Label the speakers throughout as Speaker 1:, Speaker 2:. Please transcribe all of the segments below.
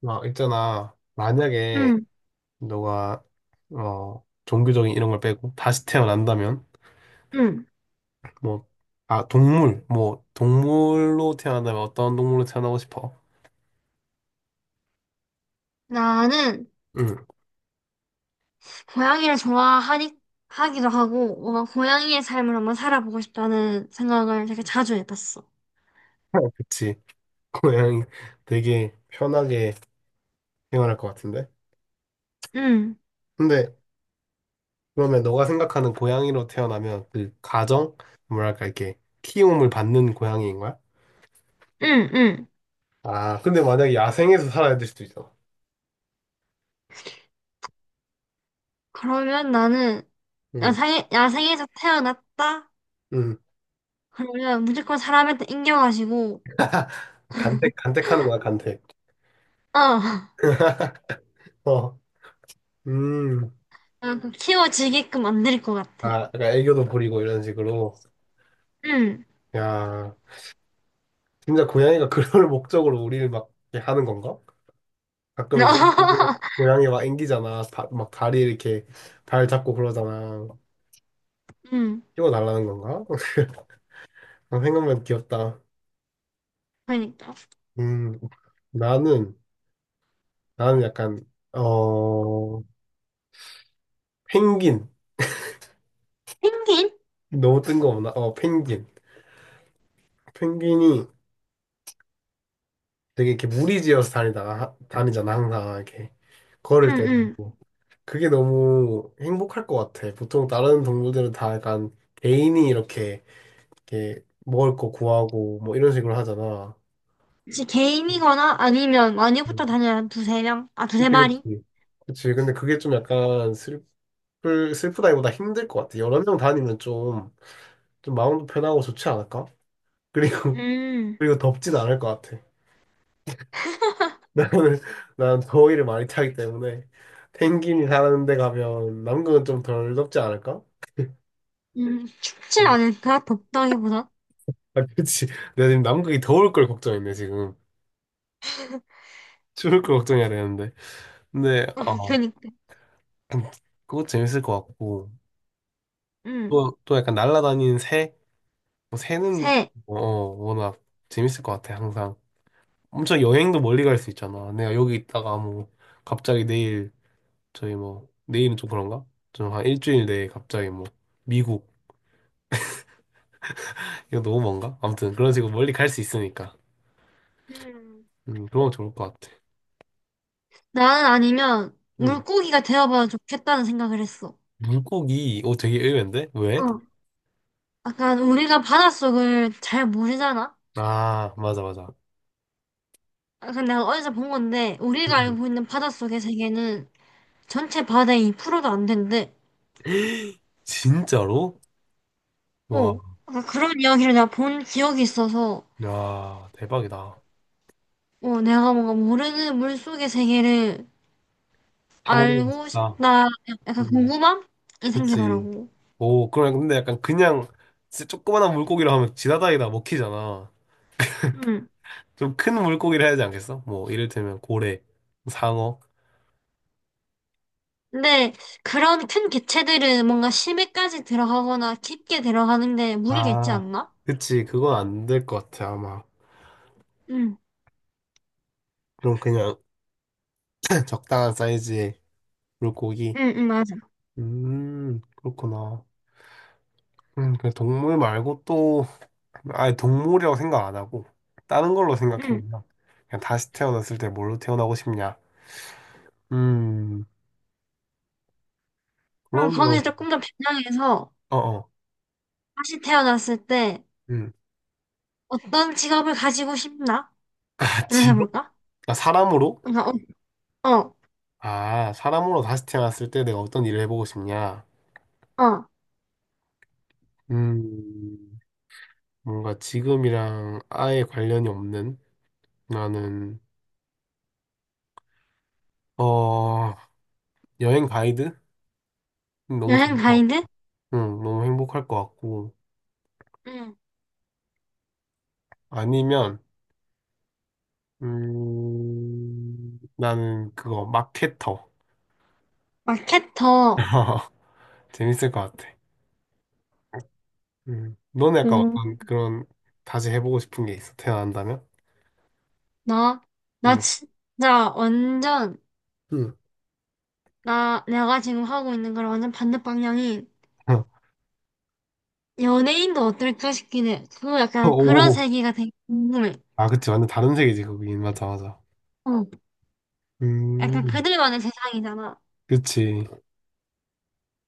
Speaker 1: 막 있잖아. 만약에
Speaker 2: 응,
Speaker 1: 너가 종교적인 이런 걸 빼고 다시 태어난다면
Speaker 2: 응.
Speaker 1: 뭐 동물 뭐 동물로 태어난다면 어떤 동물로 태어나고 싶어?
Speaker 2: 나는
Speaker 1: 응.
Speaker 2: 고양이를 좋아하니, 하기도 하고, 뭔가 고양이의 삶을 한번 살아보고 싶다는 생각을 되게 자주 해봤어.
Speaker 1: 그치. 그 고양이 되게 편하게 생활할 것 같은데.
Speaker 2: 응,
Speaker 1: 근데 그러면 너가 생각하는 고양이로 태어나면 그 가정 뭐랄까 이렇게 키움을 받는 고양이인 거야?
Speaker 2: 응, 응.
Speaker 1: 아, 근데 만약에 야생에서 살아야 될 수도 있잖아.
Speaker 2: 그러면 나는
Speaker 1: 응,
Speaker 2: 야생에서 태어났다?
Speaker 1: 응.
Speaker 2: 그러면 무조건 사람한테 인겨가지고,
Speaker 1: 간택 간택하는 거야, 간택.
Speaker 2: 어,
Speaker 1: 어. 음.
Speaker 2: 약간 키워지게끔 만들 것 같아.
Speaker 1: 아, 그러니까 애교도 부리고 이런 식으로.
Speaker 2: 응.
Speaker 1: 야, 진짜 고양이가 그럴 목적으로 우리를 막 이렇게 하는 건가? 가끔 이제 사람들 고양이 막 앵기잖아. 다, 막 다리 이렇게 발 잡고 그러잖아.
Speaker 2: 응,
Speaker 1: 키워달라는 건가? 생각만 귀엽다.
Speaker 2: 그러니까.
Speaker 1: 음, 나는, 나는 약간, 어, 펭귄.
Speaker 2: 펭귄?
Speaker 1: 너무 뜬금없나? 펭귄. penguin. 펭귄이 되게 이렇게 무리지어서 다니잖아, 항상. 이렇게
Speaker 2: 응,
Speaker 1: 걸을
Speaker 2: 응.
Speaker 1: 때도. 그게 너무 행복할 것 같아. 보통 다른 동물들은 다 약간 개인이 이렇게, 이렇게 먹을 거 구하고 뭐 이런 식으로 하잖아.
Speaker 2: 혹시 개인이거나 아니면 많이
Speaker 1: 음.
Speaker 2: 붙어 다녀야 한 두세 명? 아, 두세
Speaker 1: 그치,
Speaker 2: 마리?
Speaker 1: 그치. 그치. 근데 그게 좀 약간 슬프다기보다 힘들 것 같아. 여러 명 다니면 좀, 좀 마음도 편하고 좋지 않을까? 그리고,
Speaker 2: 음,
Speaker 1: 그리고 덥진 않을 것 같아. 나는, 난 더위를 많이 타기 때문에 펭귄이 사는 데 가면 남극은 좀 덜 덥지 않을까?
Speaker 2: 춥지
Speaker 1: 음.
Speaker 2: 않을까? 덥다기보다.
Speaker 1: 아, 그치. 내가 지금 남극이 더울 걸 걱정했네, 지금. 죽을 걸 걱정해야 되는데. 근데,
Speaker 2: 어,
Speaker 1: 어,
Speaker 2: 그니까.
Speaker 1: 그거 재밌을 것 같고.
Speaker 2: 음,
Speaker 1: 또 약간 날아다니는 새? 뭐 새는,
Speaker 2: 새.
Speaker 1: 워낙 재밌을 것 같아, 항상. 엄청 여행도 멀리 갈 수 있잖아. 내가 여기 있다가 뭐, 갑자기 내일, 저희 뭐, 내일은 좀 그런가? 좀 한 일주일 내에 갑자기 뭐, 미국. 이거 너무 먼가? 아무튼 그런 식으로 멀리 갈 수 있으니까.
Speaker 2: 음,
Speaker 1: 그런 거 좋을 것 같아.
Speaker 2: 나는 아니면
Speaker 1: 음.
Speaker 2: 물고기가 되어봐야 좋겠다는 생각을 했어.
Speaker 1: 물고기, 오, 되게 의외인데? 왜?
Speaker 2: 어. 약간 우리가 바닷속을 잘 모르잖아?
Speaker 1: 아, 맞아, 맞아.
Speaker 2: 약간 내가 어디서 본 건데,
Speaker 1: 음,
Speaker 2: 우리가
Speaker 1: 음.
Speaker 2: 알고 있는 바닷속의 세계는 전체 바다의 로도 안 된대.
Speaker 1: 진짜로?
Speaker 2: 어. 약간 그런 이야기를 내가 본 기억이 있어서,
Speaker 1: 야, 대박이다.
Speaker 2: 어, 내가 뭔가 모르는 물속의 세계를
Speaker 1: 다 먹어보고
Speaker 2: 알고
Speaker 1: 싶다.
Speaker 2: 싶다. 약간
Speaker 1: 음,
Speaker 2: 궁금함이
Speaker 1: 그치.
Speaker 2: 생기더라고.
Speaker 1: 오, 그럼 근데 약간 그냥 진짜 조그만한 물고기로 하면 지나다니다 먹히잖아.
Speaker 2: 음.
Speaker 1: 좀 큰 물고기를 해야 되지 않겠어? 뭐, 이를테면 고래, 상어.
Speaker 2: 근데 그런 큰 개체들은 뭔가 심해까지 들어가거나 깊게 들어가는데 무리겠지
Speaker 1: 아,
Speaker 2: 않나?
Speaker 1: 그치. 그건 안 될 것 같아, 아마.
Speaker 2: 응,
Speaker 1: 그럼 그냥 적당한 사이즈의 물고기.
Speaker 2: 응, 응, 맞아.
Speaker 1: 그렇구나. 그 동물 말고 또, 아예 동물이라고 생각 안 하고, 다른 걸로
Speaker 2: 응.
Speaker 1: 생각해보면, 그냥 다시 태어났을 때 뭘로 태어나고 싶냐. 음.
Speaker 2: 그럼
Speaker 1: 그럼요.
Speaker 2: 거기서 조금 더 변형해서
Speaker 1: 어어.
Speaker 2: 다시 태어났을 때
Speaker 1: 음.
Speaker 2: 어떤 직업을 가지고 싶나?를
Speaker 1: 아, 직업?
Speaker 2: 해볼까?
Speaker 1: 아, 사람으로?
Speaker 2: 그러니까 어, 어,
Speaker 1: 아, 사람으로 다시 태어났을 때 내가 어떤 일을 해보고 싶냐?
Speaker 2: 어.
Speaker 1: 음, 뭔가 지금이랑 아예 관련이 없는 나는, 어, 여행 가이드? 너무 좋을
Speaker 2: 여행
Speaker 1: 것
Speaker 2: 가이드?
Speaker 1: 같고, 응, 너무 행복할 것 같고.
Speaker 2: 응.
Speaker 1: 아니면, 나는 그거, 마케터.
Speaker 2: 마케터.
Speaker 1: 재밌을 것 같아. 너는 약간 어떤
Speaker 2: 오,
Speaker 1: 그런, 다시 해보고 싶은 게 있어, 태어난다면?
Speaker 2: 나, 나
Speaker 1: 음.
Speaker 2: 진짜 완전,
Speaker 1: 음.
Speaker 2: 나, 내가 지금 하고 있는 거랑 완전 반대 방향인 연예인도 어떨까 싶긴 해. 그 약간 그런
Speaker 1: 오,
Speaker 2: 세계가 되게 궁금해.
Speaker 1: 아, 그치. 완전 다른 세계지, 거긴. 맞아, 맞아.
Speaker 2: 어, 약간
Speaker 1: 음,
Speaker 2: 그들만의 세상이잖아.
Speaker 1: 그치.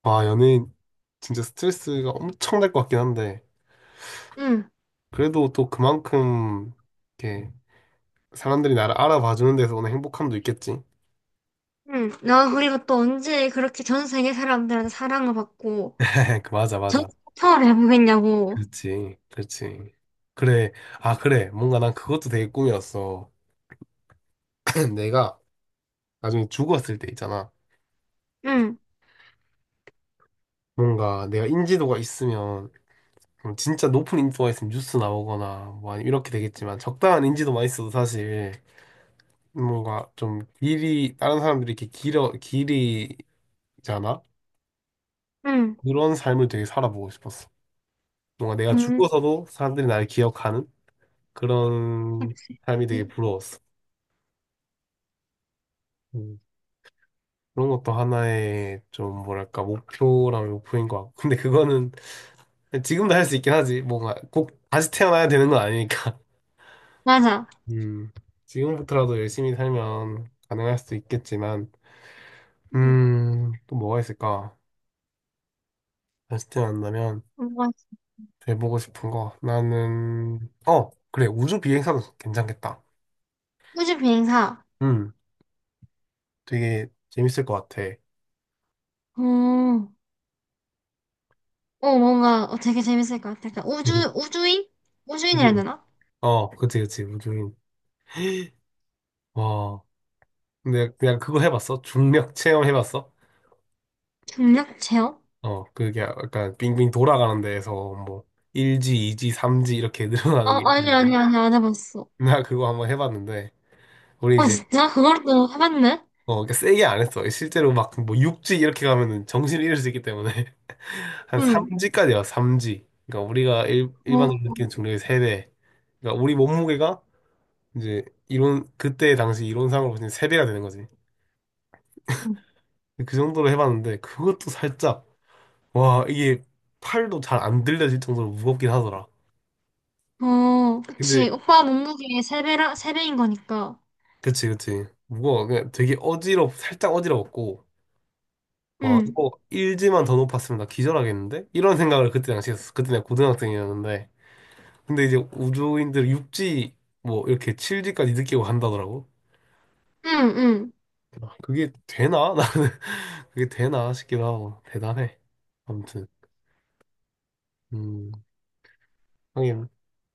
Speaker 1: 와, 연예인, 진짜 스트레스가 엄청 날 것 같긴 한데,
Speaker 2: 응,
Speaker 1: 그래도 또 그만큼, 이렇게, 사람들이 나를 알아봐주는 데서 오는 행복함도 있겠지.
Speaker 2: 응. 나 그리고 또 언제 그렇게 전 세계 사람들한테 사랑을 받고
Speaker 1: 그, 맞아,
Speaker 2: 전
Speaker 1: 맞아.
Speaker 2: 세계 투어를 해보겠냐고.
Speaker 1: 그렇지, 그렇지. 그래, 아, 그래. 뭔가 난 그것도 되게 꿈이었어. 내가 나중에 죽었을 때 있잖아.
Speaker 2: 응,
Speaker 1: 뭔가 내가 인지도가 있으면, 진짜 높은 인지도가 있으면 뉴스 나오거나, 뭐, 아니면 이렇게 되겠지만, 적당한 인지도만 있어도 사실, 뭔가 좀 길이 다른 사람들이 이렇게 길어 길이잖아.
Speaker 2: 응,
Speaker 1: 그런 삶을 되게 살아보고 싶었어. 뭔가 내가
Speaker 2: 응.
Speaker 1: 죽어서도 사람들이 나를 기억하는 그런
Speaker 2: 그치.
Speaker 1: 삶이 되게 부러웠어. 음, 그런 것도 하나의 좀 뭐랄까 목표라면 목표인 것 같고. 근데 그거는 지금도 할 수 있긴 하지. 뭔가 꼭 다시 태어나야 되는 건 아니니까.
Speaker 2: 맞아.
Speaker 1: 음, 지금부터라도 열심히 살면 가능할 수도 있겠지만.
Speaker 2: 응.
Speaker 1: 또 뭐가 있을까, 다시 태어난다면
Speaker 2: 뭔가
Speaker 1: 해보고 싶은 거. 나는, 어, 그래. 우주 비행사도 괜찮겠다.
Speaker 2: 우주 비행사.
Speaker 1: 음, 되게 재밌을 것 같아.
Speaker 2: 어, 어, 뭔가 어, 되게 재밌을 것 같아. 약간 우주, 우주인? 우주인이라 해야
Speaker 1: 그치?
Speaker 2: 되나?
Speaker 1: 어, 그치, 그치. 우주인. 와. 근데 그냥 그거 해봤어? 중력 체험 해봤어?
Speaker 2: 중력 체험?
Speaker 1: 어, 그게 약간 빙빙 돌아가는 데에서 뭐, 1지, 2지, 3지 이렇게
Speaker 2: 어,
Speaker 1: 늘어나는 게
Speaker 2: 아니,
Speaker 1: 있다는 거야.
Speaker 2: 아니, 아니, 안 해봤어.
Speaker 1: 나 그거 한번 해봤는데, 우리
Speaker 2: 어,
Speaker 1: 이제
Speaker 2: 진짜? 그걸 또 해봤네?
Speaker 1: 어, 그러니까 세게 안 했어. 실제로 막 그 뭐 6지 이렇게 가면은 정신을 잃을 수 있기 때문에 한
Speaker 2: 응.
Speaker 1: 3지까지. 와, 3지. 그러니까 우리가 일반적으로
Speaker 2: 어,
Speaker 1: 느끼는 중량의 3배. 그러니까 우리 몸무게가 이제 이론, 그때 당시 이론상으로 보면 3배가 되는 거지. 그 정도로 해봤는데 그것도 살짝, 와, 이게 팔도 잘 안 들려질 정도로 무겁긴 하더라.
Speaker 2: 어, 그치.
Speaker 1: 근데,
Speaker 2: 오빠 몸무게의 세배라세배인 거니까.
Speaker 1: 그치, 그치. 무거워. 그냥 되게 살짝 어지러웠고. 와,
Speaker 2: 응,
Speaker 1: 이거 1지만 더 높았으면 나 기절하겠는데? 이런 생각을 그때 당시 했어. 그때 내가 고등학생이었는데. 근데 이제 우주인들 6지, 뭐, 이렇게 7지까지 느끼고 간다더라고.
Speaker 2: 응, 응.
Speaker 1: 아, 그게 되나? 나는 그게 되나 싶기도 하고. 대단해. 아무튼, 음, 하긴,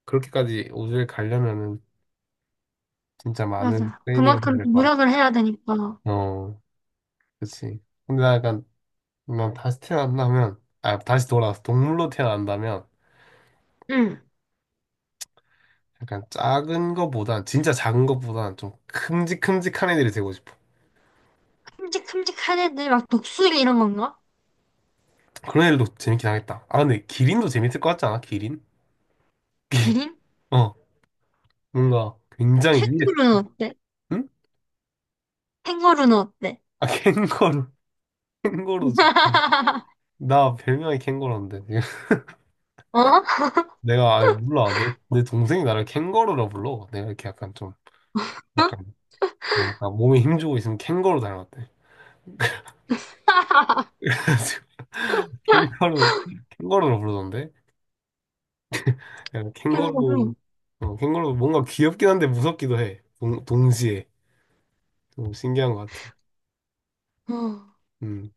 Speaker 1: 그렇게까지 우주에 가려면은 진짜 많은
Speaker 2: 맞아.
Speaker 1: 트레이닝을 해야
Speaker 2: 그만큼 또
Speaker 1: 될 것
Speaker 2: 노력을 해야 되니까.
Speaker 1: 같아. 어, 그치. 근데 나 약간, 난 다시 태어난다면, 아, 다시 돌아와서 동물로 태어난다면,
Speaker 2: 응.
Speaker 1: 약간 작은 거보단 진짜 작은 거보단 좀 큼직큼직한 애들이 되고 싶어.
Speaker 2: 큼직큼직한 애들, 막 독수리 이런 건가?
Speaker 1: 그런 애들도 재밌긴 하겠다. 아 근데 기린도 재밌을 것 같지 않아? 기린?
Speaker 2: 기린?
Speaker 1: 어, 뭔가 굉장히 위에.
Speaker 2: 캥거루는 어때?
Speaker 1: 응?
Speaker 2: 캥거루는 어때?
Speaker 1: 아, 캥거루. 캥거루 좋지. 나 별명이 캥거루인데.
Speaker 2: 어?
Speaker 1: 내가 아니 몰라. 내 동생이 나를 캥거루라 불러. 내가 이렇게 약간 좀 약간 뭔가 몸에 힘주고 있으면 캥거루 닮았대. 그래가지고 캥거루, 캥거루라 부르던데. 약간
Speaker 2: 캥거루.
Speaker 1: 캥거루. 어, 캥거루 뭔가 귀엽긴 한데 무섭기도 해. 동시에. 좀 신기한 것 같아.
Speaker 2: 어,
Speaker 1: 음,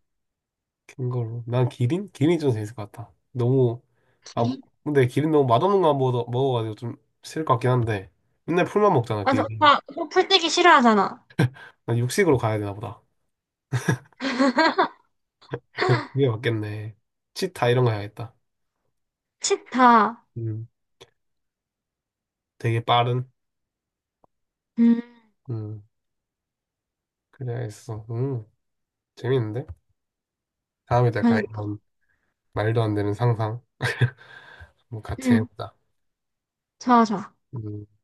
Speaker 1: 큰 걸로. 난 기린? 기린이 좀 재밌을 것 같다. 너무, 아,
Speaker 2: 기린?
Speaker 1: 근데 기린 너무 맛없는 거 먹어가지고 좀 싫을 것 같긴 한데. 맨날 풀만 먹잖아,
Speaker 2: 맞아.
Speaker 1: 기린.
Speaker 2: 오빠, 오빠 풀떼기 싫어하잖아.
Speaker 1: 난 육식으로 가야 되나 보다. 그게 맞겠네. 치타 이런 거 해야겠다.
Speaker 2: 치타.
Speaker 1: 음, 되게 빠른.
Speaker 2: 음,
Speaker 1: 음, 그래야겠어. 재밌는데? 다음에 약간
Speaker 2: 그러니까.
Speaker 1: 이런 말도 안 되는 상상. 뭐 같이
Speaker 2: 응,
Speaker 1: 해보자.
Speaker 2: 좋아, 좋아.
Speaker 1: 음.